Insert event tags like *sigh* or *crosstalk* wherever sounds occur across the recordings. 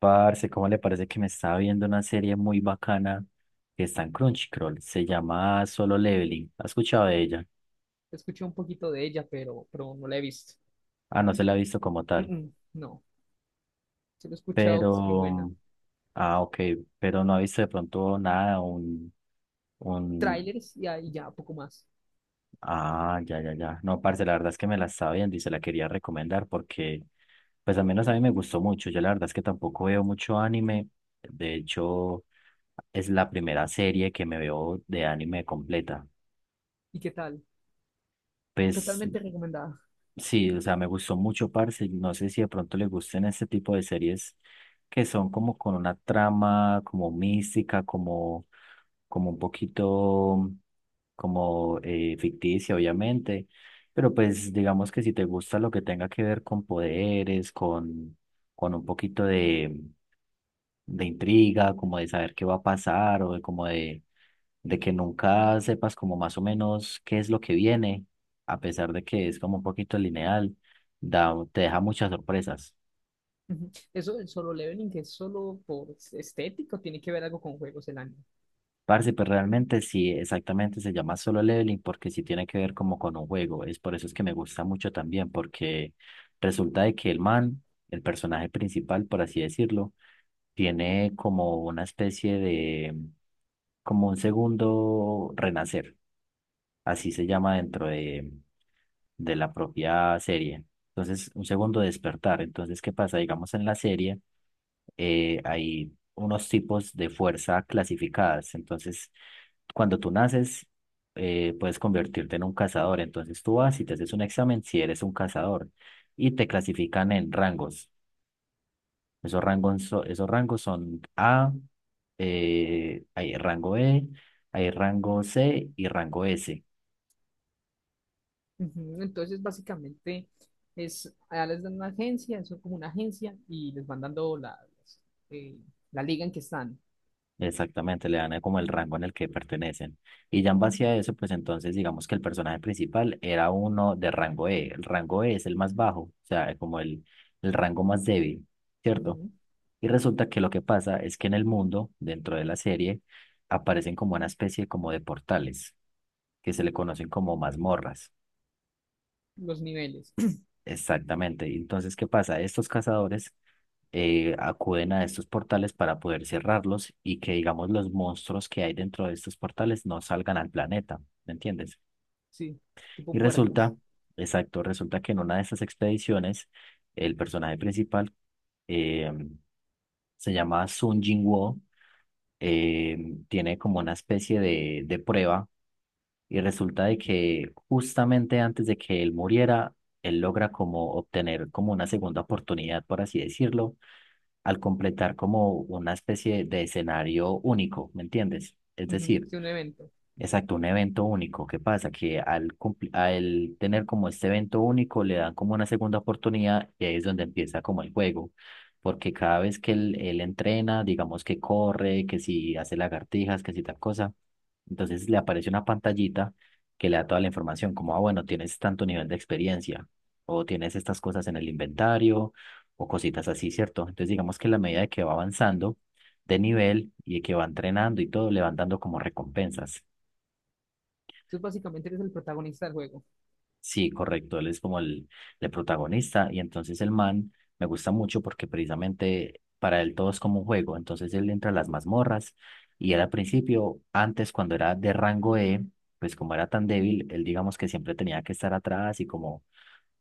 Parce, ¿cómo le parece que me estaba viendo una serie muy bacana que está en Crunchyroll? Se llama Solo Leveling. ¿Ha escuchado de ella? Escuché un poquito de ella, pero no la he visto. Ah, no se la ha visto como Mm, tal. mm, no, se lo he escuchado, que es muy buena. Pero, ah, ok, pero no ha visto de pronto nada, un, Trailers y ahí ya, poco más. ah, ya, ya, ya. No, parce, la verdad es que me la estaba viendo y se la quería recomendar porque, pues al menos a mí me gustó mucho. Yo la verdad es que tampoco veo mucho anime. De hecho, es la primera serie que me veo de anime completa. ¿Y qué tal? Pues Totalmente recomendada. sí, o sea, me gustó mucho, parce. Y no sé si de pronto le gusten este tipo de series que son como con una trama como mística, como, como un poquito como ficticia, obviamente. Pero pues digamos que si te gusta lo que tenga que ver con poderes, con un poquito de intriga, como de saber qué va a pasar o de como de que nunca sepas como más o menos qué es lo que viene, a pesar de que es como un poquito lineal, da, te deja muchas sorpresas. Ujú. Eso del Solo Leveling, que es solo por estético, tiene que ver algo con juegos el año. Parce, pues realmente sí, exactamente se llama Solo Leveling porque sí tiene que ver como con un juego. Es por eso es que me gusta mucho también, porque resulta de que el man, el personaje principal, por así decirlo, tiene como una especie de, como un segundo renacer. Así se llama dentro de la propia serie. Entonces, un segundo despertar. Entonces, ¿qué pasa? Digamos, en la serie hay unos tipos de fuerza clasificadas. Entonces, cuando tú naces, puedes convertirte en un cazador. Entonces, tú vas y te haces un examen si eres un cazador y te clasifican en rangos. Esos rangos, esos rangos son A, hay rango E, hay rango C y rango S. Ujú. Entonces, básicamente, es, allá les dan una agencia, eso es como una agencia, y les van dando las, eh, la liga en que están. Exactamente, le dan como el rango en el que pertenecen. Y ya en base a eso, pues entonces digamos que el personaje principal era uno de rango E. El rango E es el más bajo, o sea, como el rango más débil, ¿cierto? Ujú. Y resulta que lo que pasa es que en el mundo, dentro de la serie, aparecen como una especie como de portales, que se le conocen como mazmorras. Los niveles, *clears throat* Exactamente. Y entonces, ¿qué pasa? Estos cazadores acuden a estos portales para poder cerrarlos y que, digamos, los monstruos que hay dentro de estos portales no salgan al planeta, ¿me entiendes? sí, Y tipo puertas. resulta, exacto, resulta que en una de estas expediciones, el personaje principal eh, se llama Sun Jinwoo, eh, tiene como una especie de prueba. Y resulta de que justamente antes de que él muriera, él logra como obtener como una segunda oportunidad, por así decirlo, al completar como una especie de escenario único, ¿me entiendes? Es Ujú. decir, Sí, un evento. exacto, un evento único. ¿Qué pasa? Que al tener como este evento único le dan como una segunda oportunidad y ahí es donde empieza como el juego. Porque cada vez que él entrena, digamos que corre, que si hace lagartijas, que si tal cosa, entonces le aparece una pantallita que le da toda la información, como, ah, bueno, tienes tanto nivel de experiencia o tienes estas cosas en el inventario o cositas así, ¿cierto? Entonces digamos que en la medida de que va avanzando de nivel y de que va entrenando y todo, le van dando como recompensas. Entonces, básicamente, eres el protagonista del juego. Sí, correcto, él es como el protagonista y entonces el man me gusta mucho porque precisamente para él todo es como un juego, entonces él entra a las mazmorras y él al principio, antes cuando era de rango E, pues como era tan débil, él digamos que siempre tenía que estar atrás y como,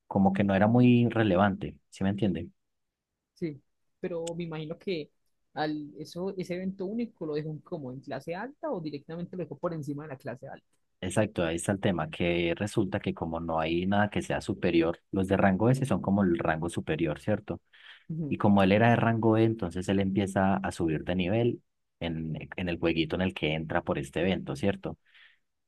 como que no era muy relevante, ¿sí me entiende? Sí, pero me imagino que al eso, ese evento único lo dejó como en clase alta o directamente lo dejó por encima de la clase alta. Exacto, ahí está el tema, que resulta que como no hay nada que sea superior, los de rango S son como el rango superior, ¿cierto? Y Ujú. como él era de rango E, entonces él empieza a subir de nivel en el jueguito en el que entra por este evento, ¿cierto?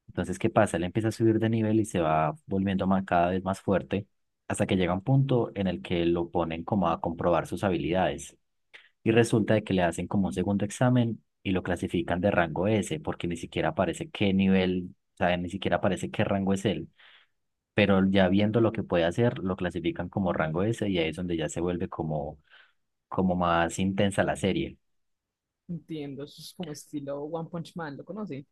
Entonces, ¿qué pasa? Él empieza a subir de nivel y se va volviendo más, cada vez más fuerte hasta que llega un punto en el que lo ponen como a comprobar sus habilidades. Y resulta de que le hacen como un segundo examen y lo clasifican de rango S, porque ni siquiera aparece qué nivel, o sea, ni siquiera aparece qué rango es él. Pero ya viendo lo que puede hacer, lo clasifican como rango S y ahí es donde ya se vuelve como como más intensa la serie. Entiendo, eso es como estilo One Punch Man, ¿lo conoce?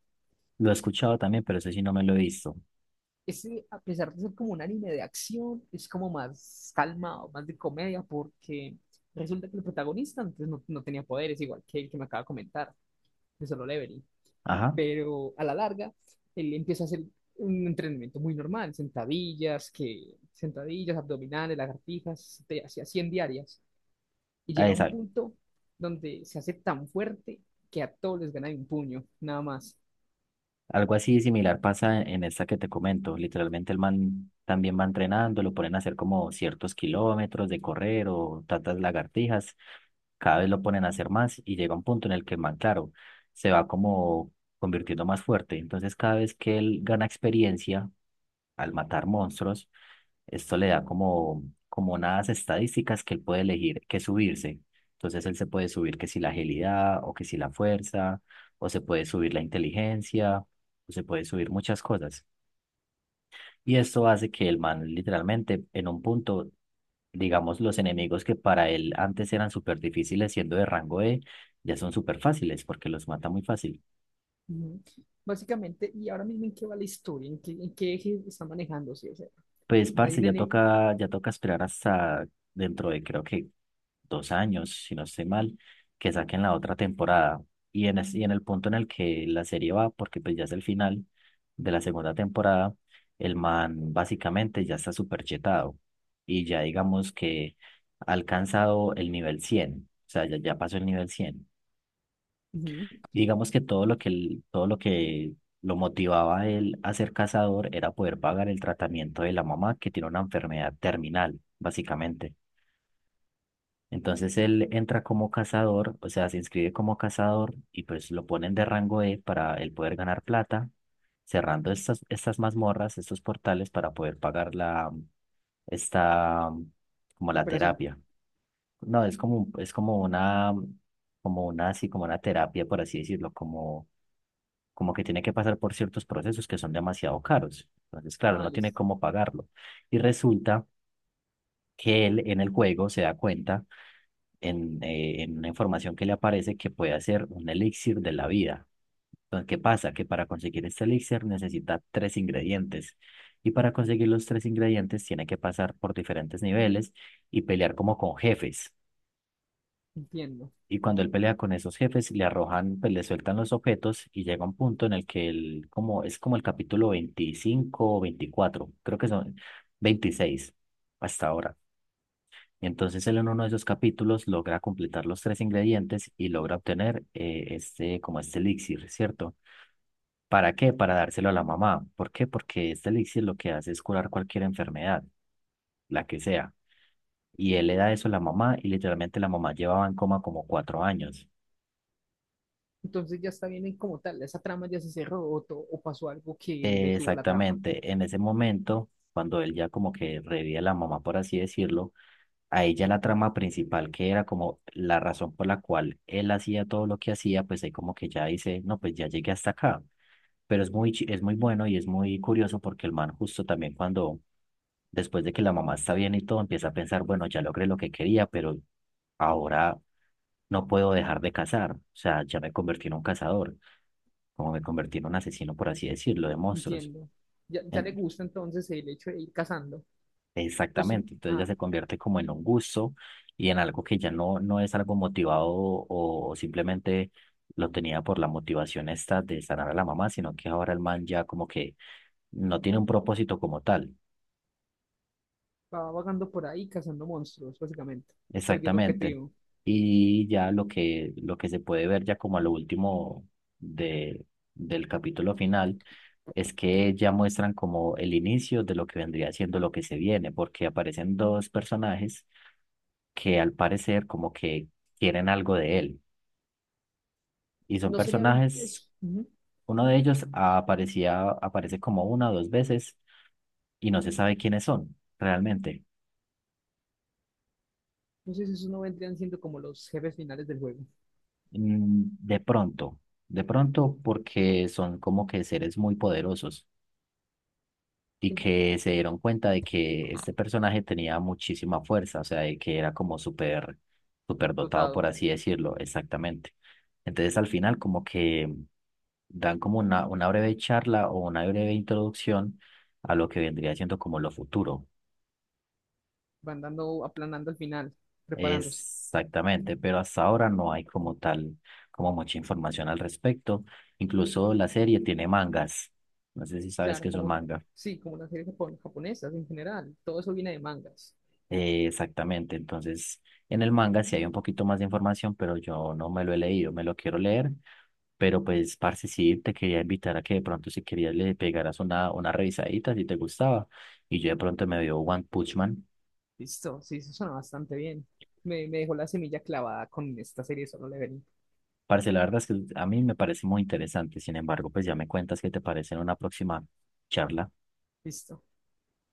Lo he escuchado también, pero eso sí no me lo he visto. Ese, a pesar de ser como un anime de acción, es como más calmado, más de comedia, porque resulta que el protagonista antes no tenía poderes, igual que el que me acaba de comentar, de Solo Leveling. Ajá, Pero a la larga él empieza a hacer un entrenamiento muy normal, sentadillas, que, sentadillas, abdominales, lagartijas, te hacía 100 diarias, y ah, llega a un esa- punto donde se hace tan fuerte que a todos les gana de un puño, nada más. algo así similar pasa en esta que te comento. Literalmente el man también va entrenando, lo ponen a hacer como ciertos kilómetros de correr o tantas lagartijas. Cada vez lo ponen a hacer más y llega un punto en el que el man, claro, se va como convirtiendo más fuerte. Entonces cada vez que él gana experiencia al matar monstruos, esto le da como, como unas estadísticas que él puede elegir que subirse. Entonces él se puede subir que si la agilidad o que si la fuerza, o se puede subir la inteligencia, o se puede subir muchas cosas. Y esto hace que el man literalmente en un punto, digamos, los enemigos que para él antes eran súper difíciles siendo de rango E, ya son súper fáciles porque los mata muy fácil. Ujú. Básicamente, y ahora mismo en qué va la historia, en qué eje está manejándose, o sea, Pues, hay parce, una ne- ya toca esperar hasta dentro de creo que 2 años, si no estoy mal, que saquen la otra temporada. Y en el punto en el que la serie va, porque pues ya es el final de la segunda temporada, el man básicamente ya está súper chetado y ya digamos que ha alcanzado el nivel 100, o sea, ya, ya pasó el nivel 100. ujú, Digamos que todo lo que lo motivaba a él a ser cazador era poder pagar el tratamiento de la mamá que tiene una enfermedad terminal, básicamente. Entonces él entra como cazador, o sea, se inscribe como cazador y pues lo ponen de rango E para él poder ganar plata, cerrando estas mazmorras, estos portales para poder pagar la, esta, como la operación, terapia. No, es como, es como una, así como una terapia, por así decirlo, como, como que tiene que pasar por ciertos procesos que son demasiado caros. Entonces, claro, ah, no tiene listo, cómo pagarlo. Y resulta que él en el juego se da cuenta en una información que le aparece que puede hacer un elixir de la vida. Entonces, ¿qué pasa? Que para conseguir este elixir necesita tres ingredientes. Y para conseguir los tres ingredientes tiene que pasar por diferentes niveles y pelear como con jefes. entiendo. Y cuando él pelea con esos jefes, le arrojan, pues le sueltan los objetos y llega un punto en el que él, como, es como el capítulo 25 o 24, creo que son 26 hasta ahora. Entonces él en uno de esos capítulos logra completar los tres ingredientes y logra obtener este, como este elixir, ¿cierto? ¿Para qué? Para dárselo a la mamá. ¿Por qué? Porque este elixir lo que hace es curar cualquier enfermedad, la que sea. Y él le da eso a la mamá y literalmente la mamá llevaba en coma como 4 años. Entonces ya está bien en como tal, esa trama ya se cerró o, to- o pasó algo que detuvo la trama. Exactamente, en ese momento, cuando él ya como que revive a la mamá, por así decirlo, a ella la trama principal, que era como la razón por la cual él hacía todo lo que hacía, pues ahí como que ya dice, no, pues ya llegué hasta acá. Pero es muy, es muy bueno y es muy curioso porque el man justo también cuando, después de que la mamá está bien y todo, empieza a pensar, bueno, ya logré lo que quería, pero ahora no puedo dejar de cazar. O sea, ya me convertí en un cazador, como me convertí en un asesino, por así decirlo, de monstruos. Entiendo. Ya le En- gusta entonces el hecho de ir cazando. O si Exactamente, entonces ya ah, se convierte como en un gusto y en algo que ya no, no es algo motivado o simplemente lo tenía por la motivación esta de sanar a la mamá, sino que ahora el man ya como que no tiene un propósito como tal. va vagando por ahí cazando monstruos, básicamente. Perdió el Exactamente. objetivo. Y ya lo que se puede ver ya como a lo último de, del capítulo final es que ya muestran como el inicio de lo que vendría siendo lo que se viene, porque aparecen dos personajes que al parecer como que quieren algo de él. Y son No sería personajes, eso. Ujú. uno de ellos aparecía, aparece como una o dos veces y no se sabe quiénes son realmente. No sé si eso no vendrían siendo como los jefes finales del juego. Mm, De pronto, de pronto porque son como que seres muy poderosos y En- que se dieron cuenta de que este personaje tenía muchísima fuerza, o sea, de que era como súper, súper dotado, por dotado. así decirlo, exactamente. Entonces al final como que dan como una breve charla o una breve introducción a lo que vendría siendo como lo futuro. Van dando, aplanando al final, preparándose. Exactamente, pero hasta ahora no hay como tal, como mucha información al respecto. Incluso la serie tiene mangas. No sé si sabes Claro, qué es un como, manga. sí, como las series japon- japonesas en general. Todo eso viene de mangas. Exactamente, entonces en el manga sí hay un poquito más de información, pero yo no me lo he leído, me lo quiero leer. Pero pues, parce, sí, te quería invitar a que de pronto si querías le pegaras una revisadita si te gustaba. Y yo de pronto me veo One Punch Man. Listo. Sí, eso suena bastante bien. Me dejó la semilla clavada con esta serie de Solo Leveling. Parce, la verdad es que a mí me parece muy interesante. Sin embargo, pues ya me cuentas qué te parece en una próxima charla. Listo.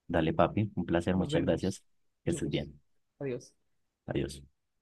Dale, papi, un placer, Nos muchas vemos. gracias. Que Yo estés gusto. bien. Adiós. Adiós.